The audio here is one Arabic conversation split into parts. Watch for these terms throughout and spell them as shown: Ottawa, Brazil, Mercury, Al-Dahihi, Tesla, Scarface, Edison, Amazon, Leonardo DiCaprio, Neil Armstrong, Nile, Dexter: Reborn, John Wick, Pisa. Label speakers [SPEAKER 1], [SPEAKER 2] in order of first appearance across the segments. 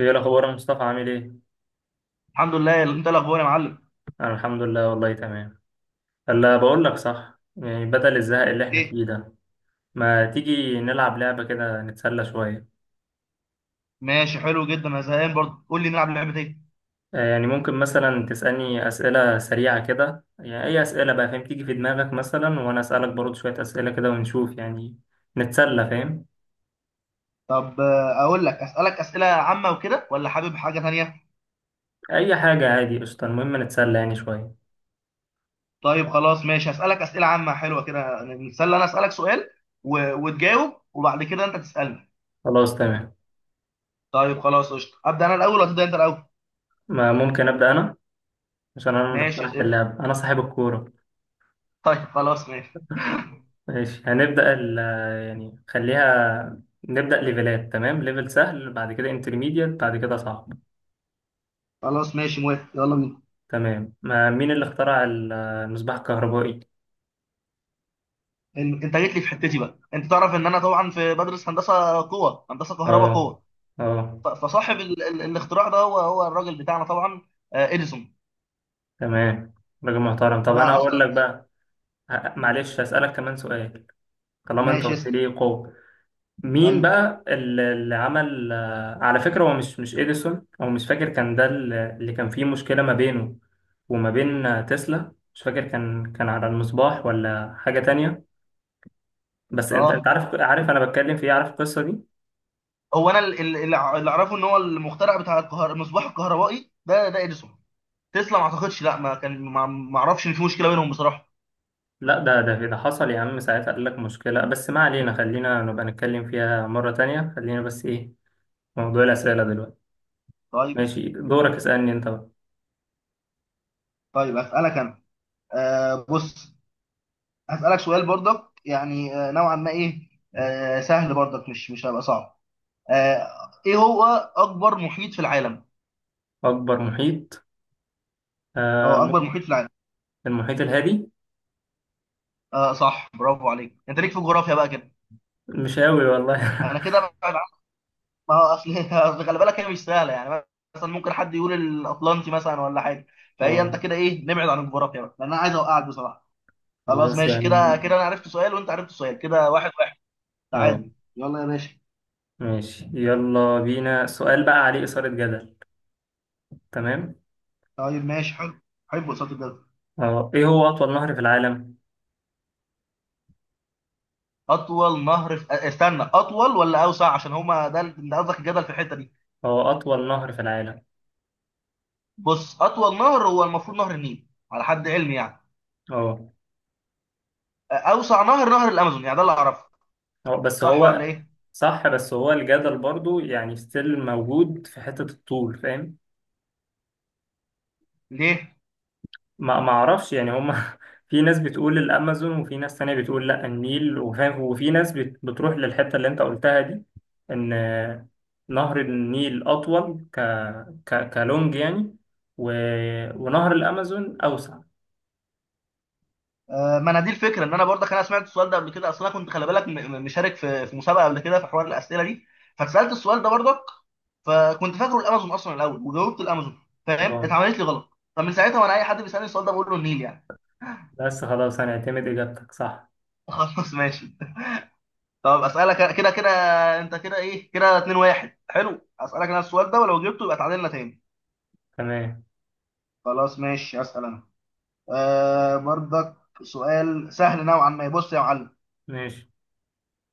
[SPEAKER 1] ايه الاخبار يا مصطفى؟ عامل ايه؟
[SPEAKER 2] الحمد لله. انت الاخبار يا معلم
[SPEAKER 1] انا الحمد لله، والله تمام. هلا بقول لك صح، يعني بدل الزهق اللي احنا
[SPEAKER 2] ايه.
[SPEAKER 1] فيه ده، ما تيجي نلعب لعبة كده نتسلى شوية.
[SPEAKER 2] ماشي، حلو جدا، انا زهقان برضه. قول لي نلعب لعبه ايه.
[SPEAKER 1] يعني ممكن مثلا تسألني أسئلة سريعة كده، يعني اي أسئلة بقى، فاهم، تيجي في دماغك مثلا، وانا أسألك برضه شوية أسئلة كده ونشوف، يعني نتسلى، فاهم.
[SPEAKER 2] طب اقول لك اسالك اسئله عامه وكده، ولا حابب حاجه ثانيه؟
[SPEAKER 1] اي حاجة عادي، قشطة، المهم نتسلى يعني شوية.
[SPEAKER 2] طيب خلاص ماشي، اسالك اسئله عامه حلوه كده نتسلى. انا اسالك سؤال وتجاوب، وبعد كده انت تسالني.
[SPEAKER 1] خلاص تمام.
[SPEAKER 2] طيب خلاص قشطه، ابدا انا الاول ولا تبدا انت الاول؟
[SPEAKER 1] ما ممكن أبدأ انا، عشان انا اللي
[SPEAKER 2] ماشي
[SPEAKER 1] اقترحت
[SPEAKER 2] اسئله.
[SPEAKER 1] اللعبة، انا صاحب الكورة.
[SPEAKER 2] طيب خلاص ماشي.
[SPEAKER 1] ماشي، هنبدأ ال يعني خليها نبدأ ليفلات، تمام، ليفل سهل بعد كده انترميديت بعد كده صعب.
[SPEAKER 2] خلاص ماشي، موافق، يلا بينا.
[SPEAKER 1] تمام، ما مين اللي اخترع المصباح الكهربائي؟
[SPEAKER 2] انت جيت لي في حتتي بقى. انت تعرف ان انا طبعا في بدرس هندسه قوه، هندسه كهرباء
[SPEAKER 1] اه.
[SPEAKER 2] قوه.
[SPEAKER 1] اه.
[SPEAKER 2] فصاحب الاختراع ده هو الراجل بتاعنا طبعا، اديسون.
[SPEAKER 1] تمام، راجل محترم. طب انا
[SPEAKER 2] ده
[SPEAKER 1] هقول
[SPEAKER 2] اصلا.
[SPEAKER 1] لك بقى، معلش هسألك كمان سؤال، طالما انت
[SPEAKER 2] ماشي
[SPEAKER 1] قلت
[SPEAKER 2] اسأل.
[SPEAKER 1] لي قوة. مين
[SPEAKER 2] ايوه.
[SPEAKER 1] بقى اللي عمل على فكرة، هو مش اديسون، او مش فاكر، كان ده اللي كان فيه مشكلة ما بينه وما بين، تسلا، مش فاكر كان على المصباح ولا حاجة تانية؟ بس انت
[SPEAKER 2] اه.
[SPEAKER 1] عارف، انا بتكلم في ايه، عارف القصه دي.
[SPEAKER 2] هو انا اللي اعرفه ان هو المخترع بتاع المصباح الكهربائي ده اديسون. تسلا ما اعتقدش، لا ما كان، ما اعرفش ان في مشكله بينهم بصراحه.
[SPEAKER 1] لا، ده حصل يا عم، ساعتها قال لك مشكله، بس ما علينا، خلينا نبقى نتكلم فيها مره تانية، خلينا بس ايه، في موضوع الاسئله دلوقتي.
[SPEAKER 2] طيب
[SPEAKER 1] ماشي،
[SPEAKER 2] ماشي.
[SPEAKER 1] دورك، اسالني انت بقى.
[SPEAKER 2] طيب هسألك انا. بص، هسألك سؤال برضك يعني نوعا ما ايه، سهل برضك، مش هيبقى صعب. آه ايه هو اكبر محيط في العالم؟
[SPEAKER 1] اكبر محيط، آه
[SPEAKER 2] اه، اكبر
[SPEAKER 1] مم-
[SPEAKER 2] محيط في العالم.
[SPEAKER 1] المحيط الهادي.
[SPEAKER 2] اه صح، برافو عليك، انت ليك في الجغرافيا بقى كده.
[SPEAKER 1] مش قوي والله.
[SPEAKER 2] انا كده بقى ما هو اصل اصل خلي بالك هي مش سهله يعني. مثلا ممكن حد يقول الاطلنطي مثلا ولا حاجه. فهي
[SPEAKER 1] اه
[SPEAKER 2] انت كده ايه، نبعد عن الجغرافيا بقى لان انا عايز اوقعك بصراحه. خلاص
[SPEAKER 1] خلاص
[SPEAKER 2] ماشي،
[SPEAKER 1] يعني.
[SPEAKER 2] كده كده انا عرفت سؤال وانت عرفت سؤال، كده واحد واحد،
[SPEAKER 1] اه
[SPEAKER 2] تعادل. يلا يا باشا.
[SPEAKER 1] ماشي، يلا بينا. سؤال بقى عليه اثاره جدل. تمام.
[SPEAKER 2] طيب ماشي حلو. حب قصاد الجدل.
[SPEAKER 1] اه، ايه هو اطول نهر في العالم؟
[SPEAKER 2] اطول نهر استنى، اطول ولا اوسع؟ عشان هما ده ده قصدك الجدل في الحته دي.
[SPEAKER 1] هو اطول نهر في العالم.
[SPEAKER 2] بص، اطول نهر هو المفروض نهر النيل على حد علمي يعني.
[SPEAKER 1] اه.
[SPEAKER 2] اوسع نهر، نهر الامازون يعني، ده اللي اعرفه.
[SPEAKER 1] هو بس
[SPEAKER 2] صح ولا
[SPEAKER 1] هو.
[SPEAKER 2] ايه؟
[SPEAKER 1] صح، بس هو الجدل برضو يعني ستيل موجود في حتة الطول، فاهم.
[SPEAKER 2] ليه؟
[SPEAKER 1] ما اعرفش يعني، هما في ناس بتقول الامازون، وفي ناس تانية بتقول لا النيل، وفاهم، وفي ناس بتروح للحتة اللي انت قلتها دي، ان نهر النيل اطول ك ك كلونج يعني، و... ونهر الامازون اوسع.
[SPEAKER 2] آه، ما انا دي الفكره. ان انا برضك انا سمعت السؤال ده قبل كده. اصل انا كنت خلي بالك مشارك في مسابقه قبل كده، في حوار الاسئله دي. فاتسالت السؤال ده برضك، فكنت فاكره الامازون اصلا الاول وجاوبت الامازون. فاهم؟
[SPEAKER 1] اه،
[SPEAKER 2] اتعملت لي غلط. فمن ساعتها وانا اي حد بيسالني السؤال ده بقول له النيل يعني.
[SPEAKER 1] بس خلاص هنعتمد اجابتك صح.
[SPEAKER 2] خلاص ماشي. طب اسالك كده كده انت كده ايه، كده 2 1. حلو، اسالك انا السؤال ده ولو جبته يبقى تعادلنا تاني.
[SPEAKER 1] تمام
[SPEAKER 2] خلاص ماشي، اسال انا. آه برضك، سؤال سهل نوعا ما. بص يا معلم،
[SPEAKER 1] ماشي.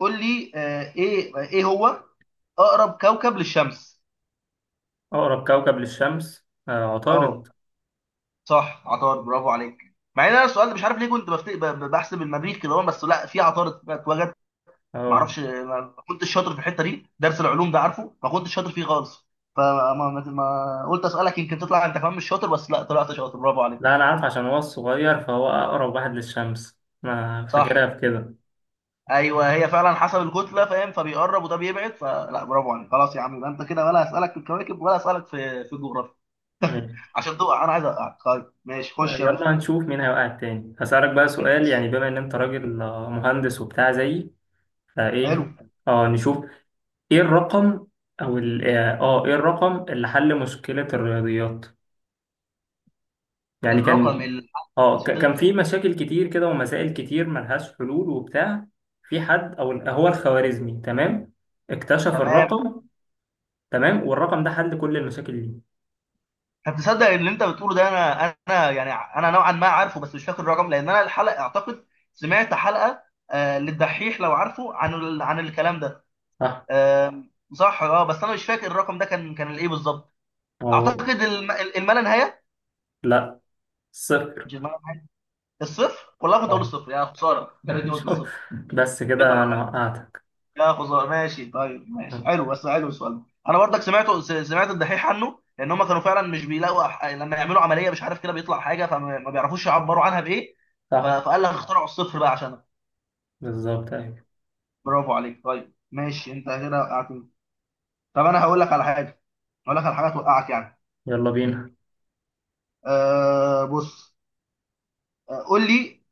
[SPEAKER 2] قول لي ايه. ايه هو اقرب كوكب للشمس؟
[SPEAKER 1] اقرب كوكب للشمس
[SPEAKER 2] اه
[SPEAKER 1] عطارد.
[SPEAKER 2] صح، عطارد، برافو عليك. مع ان انا السؤال ده مش عارف ليه كنت بحسب المريخ كده هو، بس لا في عطارد اتوجد. ما
[SPEAKER 1] اه.
[SPEAKER 2] اعرفش، ما كنتش شاطر في الحته دي، درس العلوم ده عارفه، ما كنتش شاطر فيه خالص. فما ما... ما... قلت اسالك يمكن تطلع انت كمان مش شاطر، بس لا طلعت شاطر، برافو
[SPEAKER 1] لا،
[SPEAKER 2] عليك.
[SPEAKER 1] أنا عارف، عشان هو الصغير فهو أقرب واحد للشمس، أنا
[SPEAKER 2] صح،
[SPEAKER 1] فاكرها بكده.
[SPEAKER 2] ايوه هي فعلا حسب الكتله فاهم، فبيقرب وده بيبعد، فلا برافو عليك. خلاص يا عم، يبقى انت كده، ولا اسالك في الكواكب ولا اسالك في الجغرافيا؟
[SPEAKER 1] ماشي،
[SPEAKER 2] عشان تقع، انا عايز اقع. طيب ماشي، خش يا باشا.
[SPEAKER 1] يلا هنشوف مين هيوقع التاني. هسألك بقى سؤال،
[SPEAKER 2] ماشي
[SPEAKER 1] يعني بما إن أنت راجل مهندس وبتاع زيي،
[SPEAKER 2] حلو.
[SPEAKER 1] فإيه، أه نشوف. إيه الرقم، أو ال آه آه، إيه الرقم اللي حل مشكلة الرياضيات؟ يعني
[SPEAKER 2] الرقم
[SPEAKER 1] كان،
[SPEAKER 2] اللي
[SPEAKER 1] أه كان
[SPEAKER 2] وصلت،
[SPEAKER 1] في مشاكل كتير كده ومسائل كتير ملهاش حلول وبتاع، في حد أو هو الخوارزمي، تمام، اكتشف
[SPEAKER 2] تمام.
[SPEAKER 1] الرقم. تمام، والرقم ده حل كل المشاكل دي.
[SPEAKER 2] طب تصدق ان انت بتقوله ده انا يعني انا نوعا ما عارفه، بس مش فاكر الرقم، لان انا الحلقه اعتقد سمعت حلقه للدحيح لو عارفه عن الكلام ده.
[SPEAKER 1] صح.
[SPEAKER 2] آه صح، اه، بس انا مش فاكر الرقم ده كان الايه بالظبط.
[SPEAKER 1] أو
[SPEAKER 2] اعتقد الما لا نهايه.
[SPEAKER 1] لا، صفر.
[SPEAKER 2] مش الما لا نهايه، الصفر؟ والله كنت اقول
[SPEAKER 1] أه.
[SPEAKER 2] الصفر، يا خساره يا ريتني قلت
[SPEAKER 1] شوف،
[SPEAKER 2] الصفر.
[SPEAKER 1] بس
[SPEAKER 2] كده انا،
[SPEAKER 1] كده أنا وقعتك.
[SPEAKER 2] يا خزر. ماشي طيب، ماشي
[SPEAKER 1] أه،
[SPEAKER 2] حلو، بس حلو السؤال ده. انا برضك سمعته، سمعت الدحيح عنه، لان هم كانوا فعلا مش بيلاقوا لما يعملوا عمليه مش عارف كده بيطلع حاجه، فما ما بيعرفوش يعبروا عنها بايه.
[SPEAKER 1] صح،
[SPEAKER 2] فقال لك اخترعوا الصفر بقى عشانها.
[SPEAKER 1] بالظبط، أيوة.
[SPEAKER 2] برافو عليك. طيب ماشي، انت كده وقعتني. طب انا هقول لك على حاجه، هقول لك على حاجه توقعك يعني.
[SPEAKER 1] يلا بينا.
[SPEAKER 2] أه بص، قول لي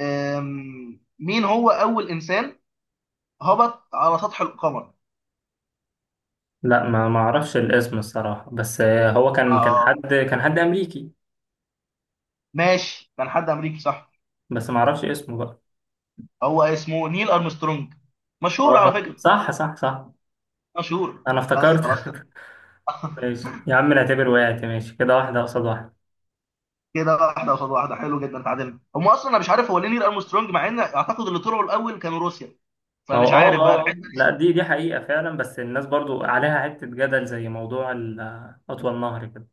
[SPEAKER 2] مين هو اول انسان هبط على سطح القمر؟
[SPEAKER 1] لا، ما أعرفش الاسم الصراحة، بس هو كان، كان
[SPEAKER 2] اه،
[SPEAKER 1] حد، حد أمريكي.
[SPEAKER 2] ماشي كان حد امريكي صح.
[SPEAKER 1] بس ما أعرفش اسمه بقى.
[SPEAKER 2] هو اسمه نيل ارمسترونج، مشهور على
[SPEAKER 1] أه،
[SPEAKER 2] فكره،
[SPEAKER 1] صح،
[SPEAKER 2] مشهور
[SPEAKER 1] أنا
[SPEAKER 2] بس
[SPEAKER 1] افتكرت.
[SPEAKER 2] خلاص.
[SPEAKER 1] ماشي يا عم، نعتبر وقعت، ماشي كده، واحدة قصاد واحدة.
[SPEAKER 2] كده واحده قصاد واحده، حلو جدا، اتعادلنا. هم اصلا انا مش عارف هو ليه نيل ارمسترونج، مع ان اعتقد اللي طلعوا الاول كانوا روسيا،
[SPEAKER 1] ما هو
[SPEAKER 2] فمش عارف بقى الحته
[SPEAKER 1] لا،
[SPEAKER 2] دي.
[SPEAKER 1] دي حقيقة فعلا، بس الناس برضو عليها حتة جدل، زي موضوع أطول نهر كده.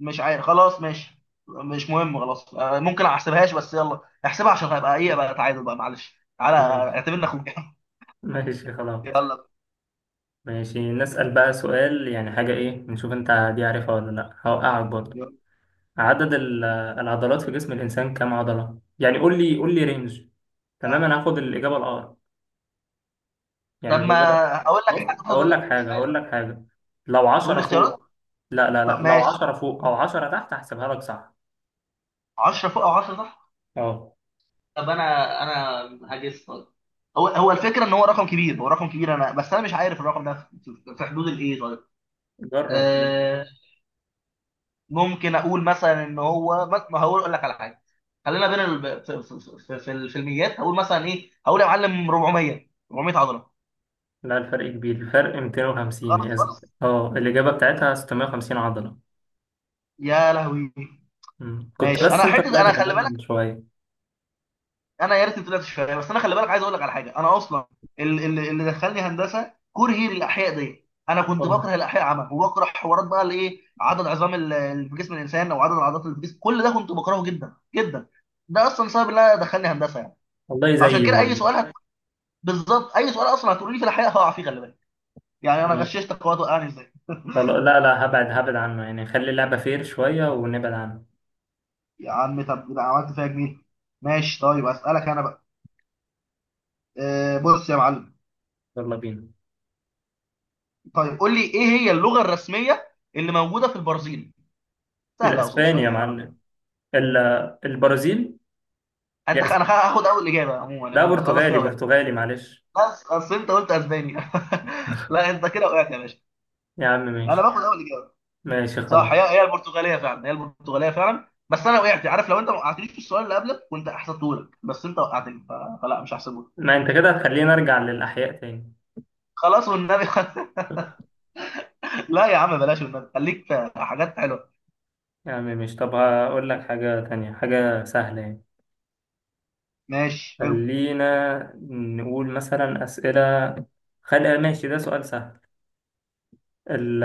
[SPEAKER 2] مش عارف، خلاص ماشي، مش مهم خلاص. ممكن ما احسبهاش، بس يلا احسبها عشان هبقى ايه بقى، تعادل بقى معلش، تعالى
[SPEAKER 1] ماشي
[SPEAKER 2] اعتبرنا اخوك.
[SPEAKER 1] ماشي. خلاص
[SPEAKER 2] يلا.
[SPEAKER 1] ماشي، نسأل بقى سؤال يعني، حاجة إيه، نشوف أنت دي عارفها ولا لأ، هوقعك برضه.
[SPEAKER 2] يلا.
[SPEAKER 1] عدد العضلات في جسم الإنسان كام عضلة؟ يعني قول لي، رينج. تمام، أنا هاخد الإجابة الأقرب، يعني
[SPEAKER 2] طب
[SPEAKER 1] لو
[SPEAKER 2] ما
[SPEAKER 1] الإجابة،
[SPEAKER 2] اقول لك
[SPEAKER 1] بص
[SPEAKER 2] هتاخد،
[SPEAKER 1] أقول لك
[SPEAKER 2] مش
[SPEAKER 1] حاجة،
[SPEAKER 2] عارف.
[SPEAKER 1] لو
[SPEAKER 2] تقول لي
[SPEAKER 1] 10 فوق،
[SPEAKER 2] اختيارات.
[SPEAKER 1] لا لا
[SPEAKER 2] طب
[SPEAKER 1] لا لو
[SPEAKER 2] ماشي،
[SPEAKER 1] 10 فوق أو 10 تحت، هحسبها لك صح.
[SPEAKER 2] 10 فوق او 10 تحت.
[SPEAKER 1] أه
[SPEAKER 2] طب انا، هجس طيب. هو الفكره ان هو رقم كبير، هو رقم كبير، انا بس انا مش عارف الرقم ده في في حدود الايه طيب.
[SPEAKER 1] جرب.
[SPEAKER 2] آه ممكن اقول مثلا ان هو، ما ما هقول اقول لك على حاجه، خلينا في الميات. هقول مثلا ايه، هقول يا معلم 400، 400 عضله.
[SPEAKER 1] لا، الفرق كبير، الفرق 250،
[SPEAKER 2] خلاص
[SPEAKER 1] هي
[SPEAKER 2] خلاص.
[SPEAKER 1] أه، الإجابة بتاعتها 650 عضلة.
[SPEAKER 2] يا لهوي،
[SPEAKER 1] كنت
[SPEAKER 2] ماشي.
[SPEAKER 1] بس
[SPEAKER 2] انا
[SPEAKER 1] أنت
[SPEAKER 2] حته،
[SPEAKER 1] طلعت
[SPEAKER 2] انا خلي
[SPEAKER 1] كمان
[SPEAKER 2] بالك،
[SPEAKER 1] شوية.
[SPEAKER 2] انا يا ريتني طلعت شغال، بس انا خلي بالك عايز اقول لك على حاجه. انا اصلا اللي دخلني هندسه كرهي للاحياء دي. انا كنت
[SPEAKER 1] والله.
[SPEAKER 2] بكره الاحياء عامه، وبكره حوارات بقى الايه عدد عظام اللي في جسم الانسان، او عدد العضلات اللي في جسم، كل ده كنت بكرهه جدا جدا. ده اصلا سبب ان انا دخلني هندسه يعني.
[SPEAKER 1] والله
[SPEAKER 2] فعشان
[SPEAKER 1] زيي
[SPEAKER 2] كده اي
[SPEAKER 1] برضه.
[SPEAKER 2] سؤال بالظبط، اي سؤال اصلا هتقولي لي في الاحياء هقع فيه خلي بالك. يعني انا غششتك وقت، وقعني ازاي
[SPEAKER 1] خلاص، لا، هبعد، عنه يعني، خلي اللعبة فير شوية ونبعد عنه.
[SPEAKER 2] يا عم. طب ده عملت فيها جميل. ماشي طيب، اسالك انا بقى. أه بص يا معلم.
[SPEAKER 1] يلا بينا.
[SPEAKER 2] طيب قول لي، ايه هي اللغه الرسميه اللي موجوده في البرازيل؟ سهله اصول
[SPEAKER 1] الأسباني
[SPEAKER 2] شويه
[SPEAKER 1] يا
[SPEAKER 2] يعني نوعاً ما.
[SPEAKER 1] معلم، ال- البرازيل. يا أسب-،
[SPEAKER 2] انا هاخد اول اجابه عموما يعني،
[SPEAKER 1] لا
[SPEAKER 2] انت خلاص
[SPEAKER 1] برتغالي،
[SPEAKER 2] كده وقعت.
[SPEAKER 1] معلش.
[SPEAKER 2] بس اصل انت قلت اسبانيا. لا انت كده وقعت يا باشا.
[SPEAKER 1] يا عم
[SPEAKER 2] انا
[SPEAKER 1] ماشي،
[SPEAKER 2] باخد اول اجابه. صح،
[SPEAKER 1] خلاص.
[SPEAKER 2] هي البرتغاليه فعلا، هي البرتغاليه فعلا، بس انا وقعت عارف؟ لو انت ما وقعتنيش في السؤال اللي قبلك كنت احسبته لك، بس انت وقعتني فلا مش هحسبه لك.
[SPEAKER 1] ما أنت كده هتخليني أرجع للأحياء تاني.
[SPEAKER 2] خلاص والنبي. لا يا عم بلاش والنبي، خليك في حاجات حلوه.
[SPEAKER 1] يا عم ماشي، طب هقول لك حاجة تانية، حاجة سهلة يعني.
[SPEAKER 2] ماشي حلو.
[SPEAKER 1] خلينا نقول مثلا أسئلة، خلي، ماشي ده سؤال سهل، ال...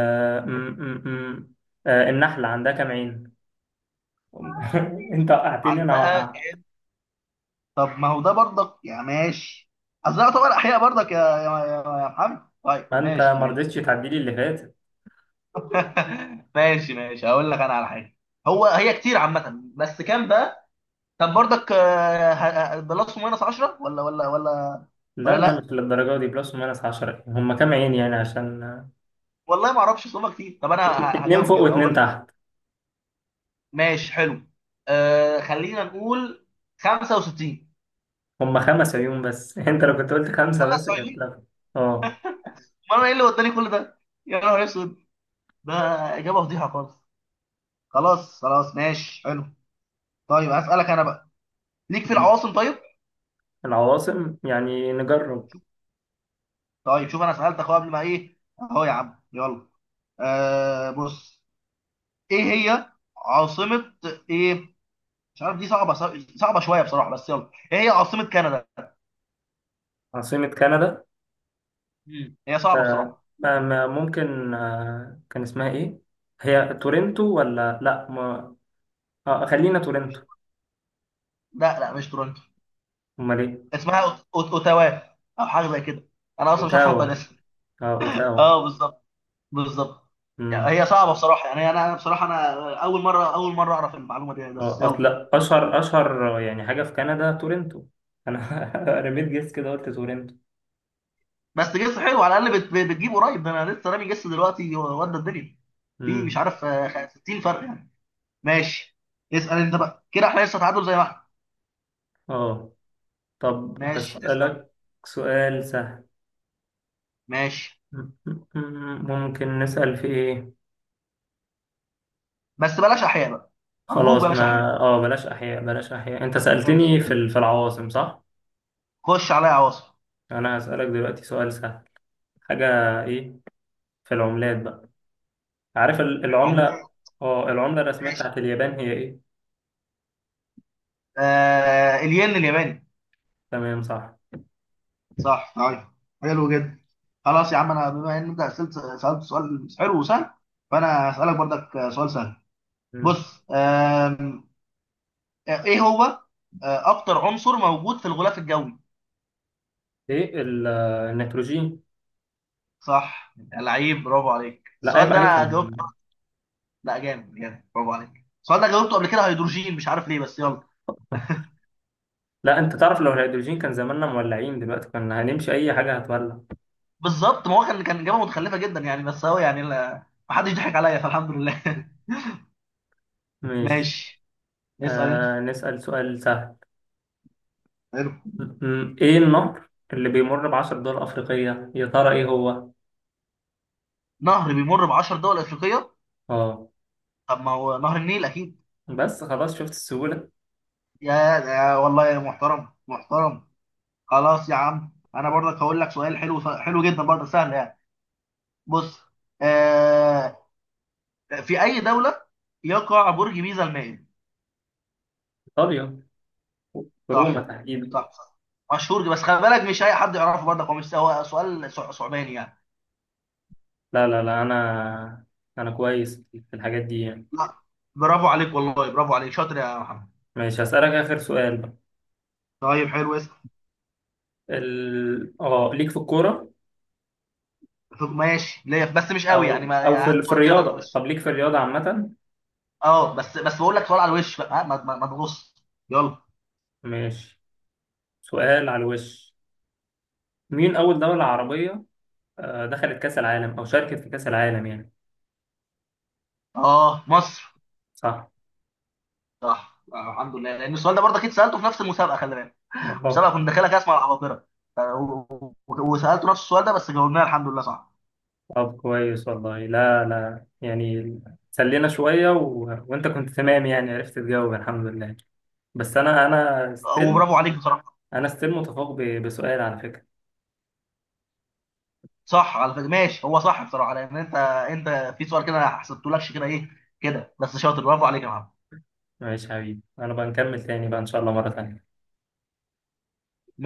[SPEAKER 1] م... م... م... النحلة عندها كام عين؟ أنت وقعتني أنا.
[SPEAKER 2] عندها كام؟ طب ما هو ده برضك يا ماشي، اصل ده يعتبر احياء برضك يا محمد. طيب
[SPEAKER 1] ما انت
[SPEAKER 2] ماشي
[SPEAKER 1] ما
[SPEAKER 2] ماشي.
[SPEAKER 1] رضيتش تعدي لي اللي فات.
[SPEAKER 2] ماشي ماشي، هقول لك انا على حاجه. هو هي كتير عامه، بس كام بقى. طب برضك، ده لص ماينس 10 ولا
[SPEAKER 1] لا
[SPEAKER 2] لا
[SPEAKER 1] مش للدرجه دي، بلس وماينس 10، هم كام عين يعني عشان،
[SPEAKER 2] والله ما اعرفش، صوبه كتير. طب انا
[SPEAKER 1] اتنين
[SPEAKER 2] هجاوب
[SPEAKER 1] فوق
[SPEAKER 2] اجابه
[SPEAKER 1] واتنين
[SPEAKER 2] هقول لك.
[SPEAKER 1] تحت.
[SPEAKER 2] ماشي حلو. خلينا نقول 65.
[SPEAKER 1] هم خمس عيون بس. انت لو كنت قلت خمسه بس كانت
[SPEAKER 2] 75؟
[SPEAKER 1] لا. اه.
[SPEAKER 2] ما انا ايه اللي وداني كل ده، يا نهار اسود، ده اجابه فضيحه خالص. خلاص خلاص، ماشي حلو. طيب اسالك انا بقى، ليك في
[SPEAKER 1] مم.
[SPEAKER 2] العواصم طيب؟
[SPEAKER 1] العواصم يعني نجرب.
[SPEAKER 2] طيب شوف انا سالتك اهو قبل ما ايه اهو يا عم، يلا. بص، ايه هي عاصمة، ايه، مش عارف، دي صعبة، صعبة شوية بصراحة، بس يلا. ايه هي عاصمة كندا؟
[SPEAKER 1] عاصمه كندا،
[SPEAKER 2] مم، هي صعبة بصراحة.
[SPEAKER 1] ممكن كان اسمها ايه، هي تورنتو ولا لا، ما خلينا تورنتو.
[SPEAKER 2] لا لا، مش تورنتو.
[SPEAKER 1] امال ايه؟
[SPEAKER 2] اسمها اوتاوا، او حاجة زي كده، انا اصلا مش عارف انطق
[SPEAKER 1] اوتاوا.
[SPEAKER 2] الاسم.
[SPEAKER 1] اه اوتاوا.
[SPEAKER 2] اه بالظبط، بالظبط. يعني
[SPEAKER 1] مم.
[SPEAKER 2] هي صعبة بصراحة يعني، انا، أنا بصراحة انا اول مرة، اول مرة اعرف المعلومة دي يعني، بس
[SPEAKER 1] اصل
[SPEAKER 2] يلا.
[SPEAKER 1] اشهر يعني حاجه في كندا تورنتو، انا رميت جيس كده قلت تورنتو.
[SPEAKER 2] بس جس حلو على الاقل، بتجيب قريب، ده انا لسه رامي جس دلوقتي ودى الدنيا في مش
[SPEAKER 1] امم.
[SPEAKER 2] عارف 60 فرق يعني. ماشي، اسأل انت بقى، كده احنا لسه تعادل زي ما احنا.
[SPEAKER 1] اه، طب
[SPEAKER 2] ماشي اسأل.
[SPEAKER 1] هسألك سؤال سهل.
[SPEAKER 2] ماشي،
[SPEAKER 1] ممكن نسأل في ايه،
[SPEAKER 2] بس بلاش احياء بقى، ارجوك
[SPEAKER 1] خلاص،
[SPEAKER 2] بلاش احياء.
[SPEAKER 1] ما اه بلاش احياء، انت
[SPEAKER 2] ماشي،
[SPEAKER 1] سألتني في في العواصم صح.
[SPEAKER 2] خش عليا عواصم.
[SPEAKER 1] انا هسألك دلوقتي سؤال سهل، حاجه، ايه، في العملات بقى، عارف
[SPEAKER 2] عمال.
[SPEAKER 1] العمله. اه، العمله الرسميه
[SPEAKER 2] ماشي.
[SPEAKER 1] بتاعت اليابان هي ايه؟
[SPEAKER 2] الين الياباني.
[SPEAKER 1] تمام صح.
[SPEAKER 2] صح طيب، حلو جدا. خلاص يا عم، انا بما ان انت سألت سألت سؤال حلو وسهل، فانا هسألك برضك سؤال سهل.
[SPEAKER 1] مم.
[SPEAKER 2] بص ايه هو، اكتر عنصر موجود في الغلاف الجوي؟
[SPEAKER 1] ايه، النيتروجين.
[SPEAKER 2] صح، لعيب، برافو عليك،
[SPEAKER 1] لا
[SPEAKER 2] السؤال
[SPEAKER 1] عيب
[SPEAKER 2] ده
[SPEAKER 1] عليك.
[SPEAKER 2] انا جاوبته. لا جامد جامد، برافو عليك، السؤال ده جاوبته قبل كده هيدروجين، مش عارف ليه، بس يلا.
[SPEAKER 1] لا، انت تعرف لو الهيدروجين كان زماننا مولعين دلوقتي، كنا هنمشي اي حاجة هتولع.
[SPEAKER 2] بالظبط، ما هو كان، إجابة متخلفة جدا يعني، بس هو يعني ما حدش ضحك عليا فالحمد لله.
[SPEAKER 1] ماشي.
[SPEAKER 2] ماشي. اسأل أنت.
[SPEAKER 1] آه نسأل سؤال سهل.
[SPEAKER 2] حلو.
[SPEAKER 1] ايه النهر اللي بيمر بعشر دول افريقية يا ترى؟ ايه هو؟
[SPEAKER 2] نهر بيمر ب 10 دول أفريقية،
[SPEAKER 1] اه،
[SPEAKER 2] طب ما هو نهر النيل أكيد.
[SPEAKER 1] بس خلاص، شفت السهولة.
[SPEAKER 2] يا والله يا محترم محترم. خلاص يا عم، أنا برضك هقول لك سؤال حلو، حلو جدا برضه سهل يعني. بص آه في أي دولة يقع برج بيزا المائل؟
[SPEAKER 1] ايطاليا، روما
[SPEAKER 2] صح
[SPEAKER 1] تحديدا.
[SPEAKER 2] صح صح، مشهور، بس خلي بالك مش أي حد يعرفه برضك، هو مش هو سؤال صعباني يعني.
[SPEAKER 1] لا، انا كويس في الحاجات دي يعني.
[SPEAKER 2] لا، برافو عليك والله، برافو عليك، شاطر يا محمد.
[SPEAKER 1] ماشي، هسألك اخر سؤال بقى.
[SPEAKER 2] طيب حلو، اسال.
[SPEAKER 1] ال... اه ليك في الكورة،
[SPEAKER 2] ماشي ليا، بس مش قوي يعني،
[SPEAKER 1] او
[SPEAKER 2] ما
[SPEAKER 1] او
[SPEAKER 2] يعني هات
[SPEAKER 1] في
[SPEAKER 2] سؤال كده من على
[SPEAKER 1] الرياضة،
[SPEAKER 2] الوش.
[SPEAKER 1] طب ليك في الرياضة عامة.
[SPEAKER 2] اه بس بس، بقول لك سؤال على الوش بقى ها، ما تغص. يلا.
[SPEAKER 1] ماشي، سؤال على الوش، مين أول دولة عربية دخلت كأس العالم أو شاركت في كأس العالم يعني؟
[SPEAKER 2] اه مصر.
[SPEAKER 1] صح.
[SPEAKER 2] صح، الحمد لله، لان السؤال ده برضه اكيد سالته في نفس المسابقه خلي بالك.
[SPEAKER 1] طب.
[SPEAKER 2] المسابقه كنت داخلها كده اسمع العباقره، ف- و- وسالته نفس السؤال ده بس جاوبناه الحمد لله صح.
[SPEAKER 1] طب كويس والله، لا يعني، سلينا شوية، وأنت كنت تمام يعني، عرفت تجاوب الحمد لله. بس أنا ستيل،
[SPEAKER 2] وبرافو عليك بصراحه.
[SPEAKER 1] أنا ستيل متفوق بسؤال على فكرة.
[SPEAKER 2] صح على فكره، ماشي، هو صح بصراحه، لان انت، انت في سؤال كده ما حسبتهولكش، كده ايه كده، بس شاطر برافو عليك يا محمد.
[SPEAKER 1] ماشي يا حبيبي، أنا بقى نكمل تاني بقى إن شاء الله مرة تانية.